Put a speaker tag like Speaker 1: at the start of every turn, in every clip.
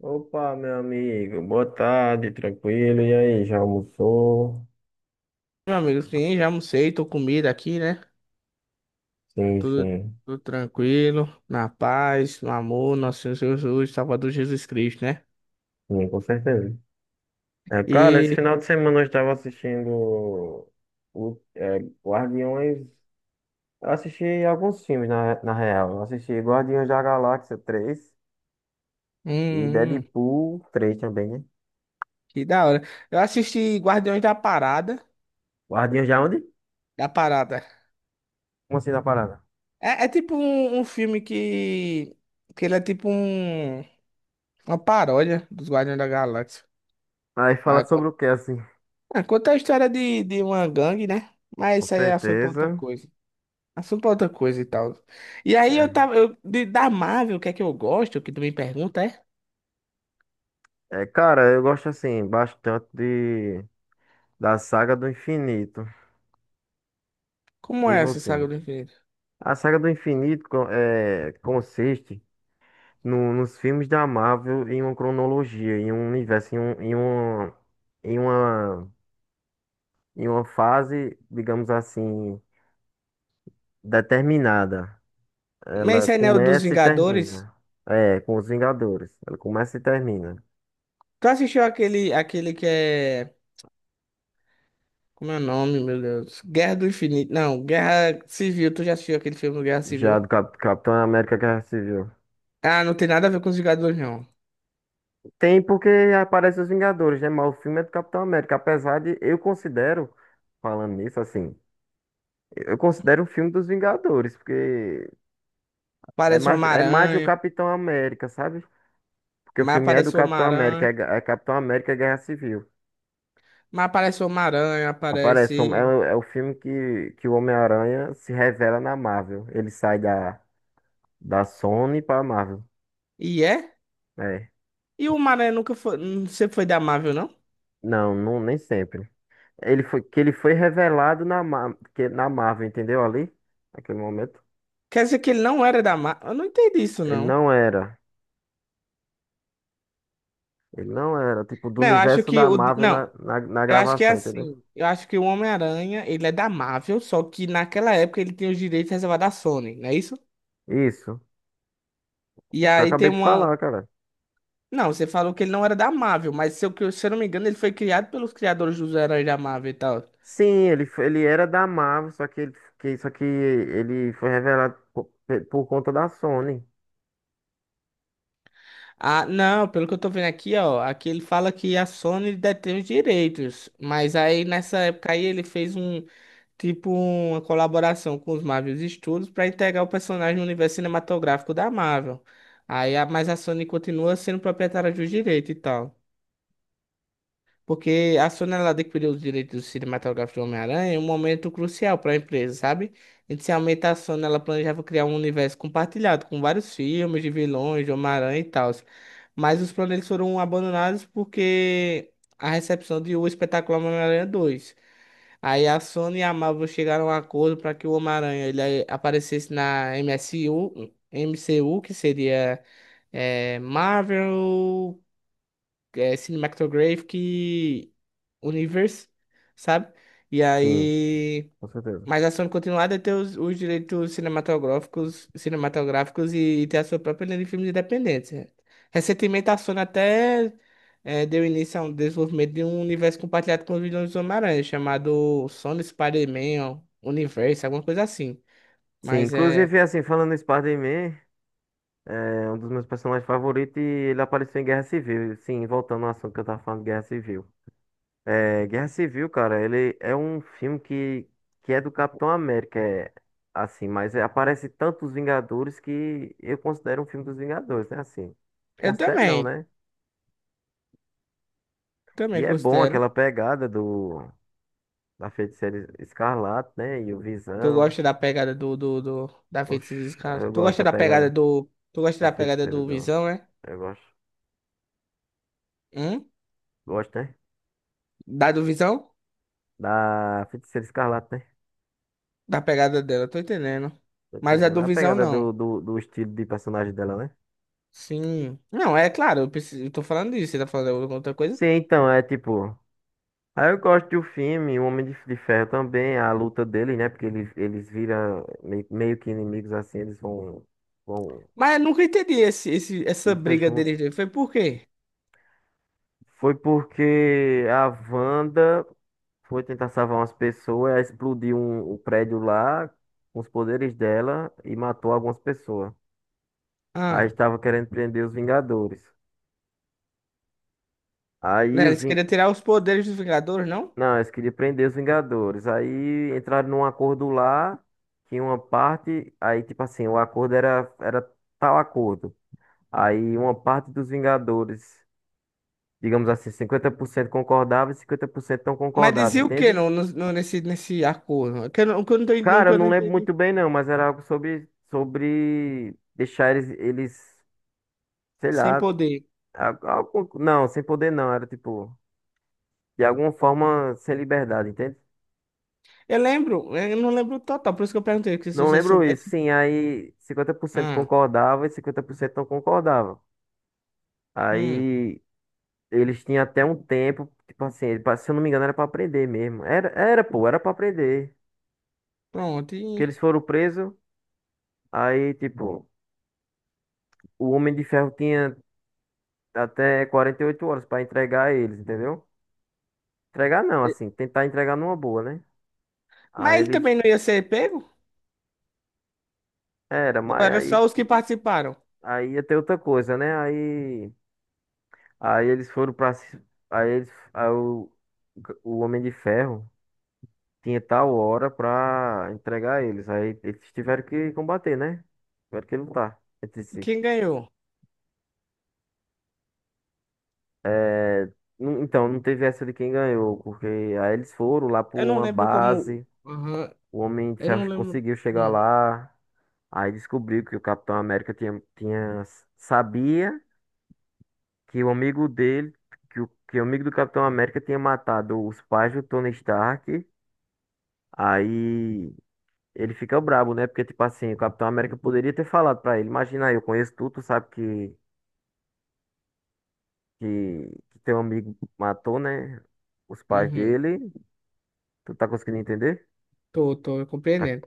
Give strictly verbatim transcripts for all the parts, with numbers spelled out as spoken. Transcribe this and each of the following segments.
Speaker 1: Opa, meu amigo, boa tarde, tranquilo. E aí, já almoçou?
Speaker 2: Meu amigo, sim, já almocei, tô comida aqui, né?
Speaker 1: Sim,
Speaker 2: Tudo,
Speaker 1: sim,
Speaker 2: tudo tranquilo, na paz, no amor, nosso Senhor Jesus, Salvador Jesus Cristo, né?
Speaker 1: sim, com certeza. É, cara, esse
Speaker 2: E,
Speaker 1: final de semana eu estava assistindo o, é, Guardiões. Eu assisti alguns filmes, na, na real. Eu assisti Guardiões da Galáxia três e
Speaker 2: hum, hum,
Speaker 1: Deadpool três também, né?
Speaker 2: que da hora. Eu assisti Guardiões da Parada,
Speaker 1: Guardiões de onde?
Speaker 2: da Parada.
Speaker 1: Como assim, na parada?
Speaker 2: É, é tipo um, um filme que, que ele é tipo um, uma paródia dos Guardiões da Galáxia.
Speaker 1: Aí fala
Speaker 2: Aí conta,
Speaker 1: sobre o que assim?
Speaker 2: ah, conta a história de, de uma gangue, né? Mas
Speaker 1: Com
Speaker 2: isso aí é assunto pra outra
Speaker 1: certeza.
Speaker 2: coisa. Assunto pra outra coisa e tal. E aí eu tava. Eu, de- da Marvel, o que é que eu gosto? O que tu me pergunta é?
Speaker 1: É, é, cara, eu gosto assim bastante de, da saga do infinito.
Speaker 2: Como
Speaker 1: E
Speaker 2: é essa saga
Speaker 1: você?
Speaker 2: do infinito?
Speaker 1: A saga do infinito co- é, consiste no- nos filmes da Marvel em uma cronologia, em um universo, em, um, em, uma, em, uma, em uma fase, digamos assim, determinada.
Speaker 2: Mas
Speaker 1: Ela
Speaker 2: esse anel dos
Speaker 1: começa e
Speaker 2: Vingadores.
Speaker 1: termina. É, com os Vingadores. Ela começa e termina.
Speaker 2: Tu assistiu aquele, aquele que é. Como é o nome, meu Deus? Guerra do Infinito. Não, Guerra Civil. Tu já assistiu aquele filme do Guerra
Speaker 1: Já
Speaker 2: Civil?
Speaker 1: do Cap- Capitão América Guerra Civil.
Speaker 2: Ah, não tem nada a ver com os Vingadores, não.
Speaker 1: Tem porque aparece os Vingadores, né? Mas o filme é do Capitão América. Apesar de eu considero, falando nisso, assim. Eu considero o filme dos Vingadores, porque é
Speaker 2: Aparece o
Speaker 1: mais, é mais do
Speaker 2: Homem-Aranha.
Speaker 1: Capitão América, sabe? Porque o
Speaker 2: Mas
Speaker 1: filme é do
Speaker 2: aparece o
Speaker 1: Capitão América, é,
Speaker 2: Homem-Aranha.
Speaker 1: Ga- é Capitão América e Guerra Civil.
Speaker 2: Mas aparece o Homem-Aranha,
Speaker 1: Aparece, um- é,
Speaker 2: aparece.
Speaker 1: o- é o filme que, que o Homem-Aranha se revela na Marvel. Ele sai da, da Sony pra Marvel.
Speaker 2: E é?
Speaker 1: É.
Speaker 2: E o Homem-Aranha nunca foi. Não sempre foi da Marvel, não?
Speaker 1: Não, não, nem sempre. Ele foi, que ele foi revelado na, Ma- que, na Marvel, entendeu? Ali, naquele momento.
Speaker 2: Quer dizer que ele não era da Marvel? Eu não entendi isso,
Speaker 1: Ele
Speaker 2: não.
Speaker 1: não era. Ele não era, tipo, do
Speaker 2: Não, eu acho
Speaker 1: universo
Speaker 2: que
Speaker 1: da
Speaker 2: o.
Speaker 1: Marvel
Speaker 2: Não,
Speaker 1: na, na, na
Speaker 2: eu acho que é
Speaker 1: gravação, entendeu?
Speaker 2: assim. Eu acho que o Homem-Aranha, ele é da Marvel, só que naquela época ele tem os direitos reservados à Sony, não é isso?
Speaker 1: Isso.
Speaker 2: E
Speaker 1: Que eu
Speaker 2: aí tem
Speaker 1: acabei de
Speaker 2: uma.
Speaker 1: falar, cara.
Speaker 2: Não, você falou que ele não era da Marvel, mas se eu, que- se eu não me engano, ele foi criado pelos criadores dos heróis da Marvel e tal.
Speaker 1: Sim, ele, f- ele era da Marvel, só que, ele, que, só que ele foi revelado por, pe- por conta da Sony.
Speaker 2: Ah, não, pelo que eu tô vendo aqui, ó. Aqui ele fala que a Sony detém os direitos, mas aí nessa época aí ele fez um. Tipo uma colaboração com os Marvel Studios para integrar o personagem no universo cinematográfico da Marvel. Aí, a- mas a Sony continua sendo proprietária dos direitos e tal. Porque a Sony ela adquiriu os direitos cinematográficos do Homem-Aranha em um momento crucial para a empresa, sabe? Inicialmente a Sony ela planejava criar um universo compartilhado com vários filmes de vilões, de Homem-Aranha e tal. Mas os planos foram abandonados porque a recepção de O Espetáculo Homem-Aranha dois. Aí a Sony e a Marvel chegaram a um acordo para que o Homem-Aranha ele aparecesse na M S U, M C U, que seria é, Marvel, é, Cinematographic Universe, sabe? E
Speaker 1: Sim,
Speaker 2: aí
Speaker 1: com certeza.
Speaker 2: mas a Sony continuar a ter os, os direitos cinematográficos, cinematográficos e, e ter a sua própria linha de filmes independentes, né? Recentemente, a Sony até eh, deu início a um desenvolvimento de um universo compartilhado com os vilões do Homem-Aranha, chamado Sony Spider-Man, ó, Universe, alguma coisa assim.
Speaker 1: Sim,
Speaker 2: Mas é.
Speaker 1: inclusive, assim, falando em Spider-Man, é um dos meus personagens favoritos e ele apareceu em Guerra Civil. Sim, voltando ao assunto que eu tava falando, Guerra Civil. É, Guerra Civil, cara, ele é um filme que, que é do Capitão América, é, assim, mas é- aparece tantos Vingadores que eu considero um filme dos Vingadores, né? Assim,
Speaker 2: Eu
Speaker 1: considero não,
Speaker 2: também,
Speaker 1: né?
Speaker 2: também
Speaker 1: E é bom
Speaker 2: considero.
Speaker 1: aquela pegada do da Feiticeira Escarlate, né? E o
Speaker 2: Tu
Speaker 1: Visão.
Speaker 2: gosta da pegada do, do, do da
Speaker 1: Oxe,
Speaker 2: Feiticeira Escarlate?
Speaker 1: eu
Speaker 2: Tu
Speaker 1: gosto
Speaker 2: gosta
Speaker 1: da
Speaker 2: da
Speaker 1: pegada
Speaker 2: pegada do. Tu gosta
Speaker 1: da
Speaker 2: da pegada
Speaker 1: Feiticeira
Speaker 2: do
Speaker 1: do.
Speaker 2: Visão, é?
Speaker 1: Eu gosto.
Speaker 2: Hum?
Speaker 1: Gosto, né?
Speaker 2: Da do Visão?
Speaker 1: Da Feiticeira Escarlate, né?
Speaker 2: Da pegada dela, tô entendendo.
Speaker 1: Tá
Speaker 2: Mas a
Speaker 1: entendendo?
Speaker 2: do
Speaker 1: A
Speaker 2: Visão,
Speaker 1: pegada
Speaker 2: não.
Speaker 1: do, do, do estilo de personagem dela, né?
Speaker 2: Sim. Não, é claro, eu, preciso, eu tô falando disso, você tá falando alguma outra coisa.
Speaker 1: Sim, então, é tipo. Aí eu gosto do filme, o Homem de, de Ferro também, a luta dele, né? Porque eles, eles viram meio, meio que inimigos assim, eles vão, vão
Speaker 2: Mas eu nunca entendi esse, esse, essa
Speaker 1: luta
Speaker 2: briga
Speaker 1: junto.
Speaker 2: deles dois. Foi por quê?
Speaker 1: Foi porque a Wanda. Foi tentar salvar umas pessoas, ela explodiu um, o prédio lá com os poderes dela e matou algumas pessoas. Aí
Speaker 2: Ah,
Speaker 1: estava querendo prender os Vingadores. Aí
Speaker 2: né?
Speaker 1: os
Speaker 2: Eles
Speaker 1: Ving...
Speaker 2: queriam tirar os poderes dos Vingadores, não?
Speaker 1: Não, eles queriam prender os Vingadores. Aí entraram num acordo lá, que uma parte. Aí, tipo assim, o acordo era, era tal acordo. Aí uma parte dos Vingadores, digamos assim, cinquenta por cento concordava e cinquenta por cento não
Speaker 2: Mas
Speaker 1: concordava,
Speaker 2: dizia o quê
Speaker 1: entende?
Speaker 2: no, no, no- nesse, nesse acordo? Que eu, não- que eu não, tô-
Speaker 1: Cara,
Speaker 2: nunca
Speaker 1: eu
Speaker 2: eu não
Speaker 1: não lembro
Speaker 2: entendi.
Speaker 1: muito bem não, mas era algo sobre, sobre deixar eles, eles, sei
Speaker 2: Sem
Speaker 1: lá,
Speaker 2: poder.
Speaker 1: al- algo, não, sem poder não, era tipo, de alguma forma sem liberdade, entende?
Speaker 2: Eu lembro, eu não lembro total, por isso que eu perguntei, porque se
Speaker 1: Não
Speaker 2: você
Speaker 1: lembro isso,
Speaker 2: soubesse.
Speaker 1: sim, aí cinquenta por cento
Speaker 2: Ah,
Speaker 1: concordava e cinquenta por cento não concordava.
Speaker 2: hum,
Speaker 1: Aí eles tinham até um tempo, tipo assim, ele se eu não me engano era pra aprender mesmo. Era, era, pô, era pra aprender.
Speaker 2: pronto.
Speaker 1: Que
Speaker 2: e-
Speaker 1: eles foram presos, aí tipo, o Homem de Ferro tinha até quarenta e oito horas pra entregar eles, entendeu? Entregar não,
Speaker 2: e-
Speaker 1: assim, tentar entregar numa boa, né? Aí
Speaker 2: Mas ele
Speaker 1: eles.
Speaker 2: também não ia ser pego?
Speaker 1: Era,
Speaker 2: Ou
Speaker 1: mas
Speaker 2: era só
Speaker 1: aí,
Speaker 2: os que participaram?
Speaker 1: aí ia ter outra coisa, né? Aí, aí eles foram pra. ci- Aí, eles, aí o, o Homem de Ferro tinha tal hora pra entregar eles. Aí eles tiveram que combater, né? Tiveram que lutar entre si.
Speaker 2: Quem ganhou?
Speaker 1: É, Não- Então, não teve essa de quem ganhou, porque aí eles foram lá pra
Speaker 2: Eu não
Speaker 1: uma
Speaker 2: lembro como.
Speaker 1: base,
Speaker 2: Aham,
Speaker 1: o Homem de
Speaker 2: eu
Speaker 1: Ferro
Speaker 2: não lembro.
Speaker 1: conseguiu chegar
Speaker 2: Hum,
Speaker 1: lá, aí descobriu que o Capitão América tinha, tinha, sabia. Que o amigo dele, que o, que o amigo do Capitão América tinha matado os pais do Tony Stark. Aí ele fica brabo, né? Porque, tipo assim, o Capitão América poderia ter falado pra ele: Imagina aí, eu conheço tudo, tu sabe que, que, que teu amigo matou, né? Os pais
Speaker 2: uhum,
Speaker 1: dele. Tu tá conseguindo entender?
Speaker 2: tô, tô compreendendo.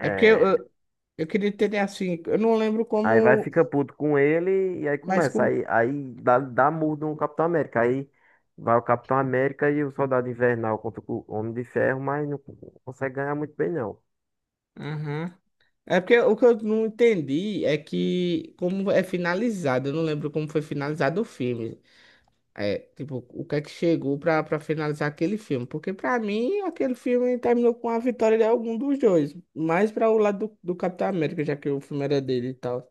Speaker 2: É porque eu, eu eu queria ter assim. Eu não lembro
Speaker 1: Aí vai,
Speaker 2: como.
Speaker 1: fica puto com ele e aí
Speaker 2: Mas
Speaker 1: começa.
Speaker 2: com.
Speaker 1: Aí, aí, dá, dá murro no Capitão América. Aí vai o Capitão América e o Soldado Invernal contra o Homem de Ferro, mas não consegue ganhar muito bem, não.
Speaker 2: Aham. É porque o que eu não entendi é que como é finalizado. Eu não lembro como foi finalizado o filme. É, tipo, o que é que chegou pra, pra finalizar aquele filme. Porque pra mim, aquele filme terminou com a vitória de algum dos dois. Mais pra o lado do, do Capitão América, já que o filme era dele e tal.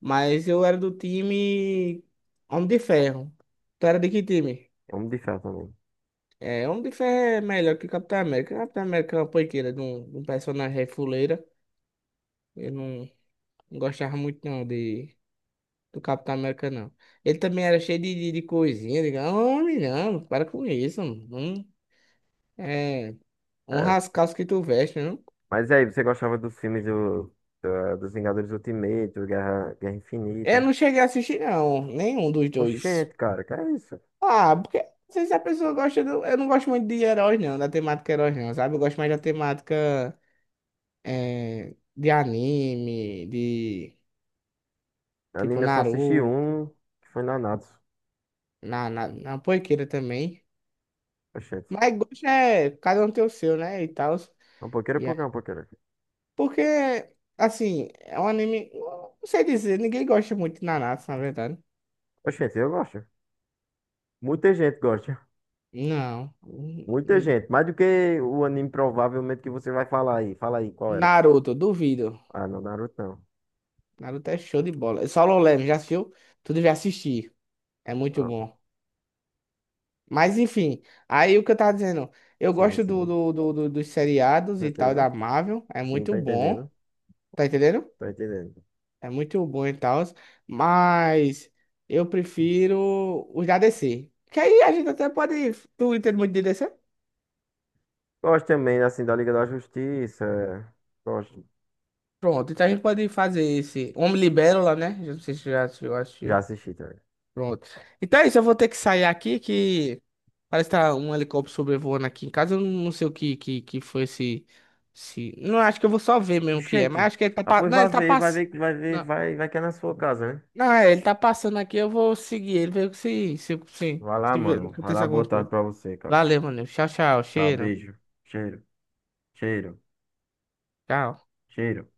Speaker 2: Mas eu era do time Homem de Ferro. Tu era de que time?
Speaker 1: Homem de Ferro também.
Speaker 2: É, Homem de Ferro é melhor que Capitão América. Capitão América é uma poiqueira de um, de um personagem aí fuleira. Eu não não gostava muito não de, do Capitão América, não. Ele também era cheio de, de, de coisinha. Diga, homem, não, para com isso. Mano. Hum, É, um
Speaker 1: É.
Speaker 2: rascalho que tu veste, não?
Speaker 1: Mas e aí, você gostava dos filmes do, da- dos Vingadores Ultimate, do Guerra, Guerra
Speaker 2: Eu
Speaker 1: Infinita?
Speaker 2: não cheguei a assistir, não. Nenhum dos dois.
Speaker 1: Oxente, cara, que é isso?
Speaker 2: Ah, porque não sei se a pessoa gosta do. Eu não gosto muito de heróis, não, da temática heróis, não, sabe? Eu gosto mais da temática eh, de anime, de tipo
Speaker 1: Anime eu só assisti
Speaker 2: Naruto,
Speaker 1: um, que foi Nanatsu.
Speaker 2: na, na, na Poiqueira também.
Speaker 1: Oxente.
Speaker 2: Mas gosto é. Cada um tem o seu, né? E tal.
Speaker 1: É Um pouquinho, um
Speaker 2: E
Speaker 1: pouquinho,
Speaker 2: é-
Speaker 1: é um pouquinho.
Speaker 2: Porque, assim, é um anime. Não sei dizer, ninguém gosta muito de Naruto, na verdade.
Speaker 1: Oxente, eu gosto. Muita gente gosta.
Speaker 2: Não.
Speaker 1: Muita gente. Mais do que o anime provavelmente que você vai falar aí. Fala aí, qual era?
Speaker 2: Naruto, duvido.
Speaker 1: Ah, não, Naruto não.
Speaker 2: Naruto é show de bola. Solo Leveling, já assistiu? Tu devia assistir. É muito
Speaker 1: Ah,
Speaker 2: bom. Mas enfim, aí o que eu tava dizendo, eu
Speaker 1: sim,
Speaker 2: gosto
Speaker 1: sim.
Speaker 2: do,
Speaker 1: Com
Speaker 2: do, do- do- dos seriados e tal da
Speaker 1: certeza.
Speaker 2: Marvel, é
Speaker 1: Sim,
Speaker 2: muito
Speaker 1: tô
Speaker 2: bom,
Speaker 1: entendendo.
Speaker 2: tá entendendo?
Speaker 1: Tô entendendo.
Speaker 2: É muito bom e tal, mas eu prefiro os da D C. Que aí a gente até pode. Tu entende muito de D C?
Speaker 1: Gosto também, assim, da Liga da Justiça. Gosto.
Speaker 2: Pronto, então a gente pode fazer esse Homem Libélula, né? Eu não sei se você já
Speaker 1: Já
Speaker 2: assistiu.
Speaker 1: assisti também.
Speaker 2: Pronto. Então é isso, eu vou ter que sair aqui que parece que tá um helicóptero sobrevoando aqui em casa. Eu não sei o que que, que foi esse, esse. Não, acho que eu vou só ver mesmo o que é, mas
Speaker 1: Gente,
Speaker 2: acho que ele tá
Speaker 1: ah,
Speaker 2: pa-
Speaker 1: pois
Speaker 2: não, ele
Speaker 1: vai
Speaker 2: tá
Speaker 1: ver, vai
Speaker 2: passando.
Speaker 1: ver, vai ver,
Speaker 2: Não,
Speaker 1: vai, vai que é na sua casa, né?
Speaker 2: não, é, ele tá passando aqui, eu vou seguir ele, ver se, se, se,
Speaker 1: Vai lá,
Speaker 2: se, ver-
Speaker 1: mano. Vai
Speaker 2: acontecer
Speaker 1: lá,
Speaker 2: alguma
Speaker 1: boa tarde
Speaker 2: coisa.
Speaker 1: pra você, cara.
Speaker 2: Valeu, mano. Tchau, tchau.
Speaker 1: Tchau,
Speaker 2: Cheiro.
Speaker 1: beijo. Cheiro, cheiro,
Speaker 2: Tchau.
Speaker 1: cheiro.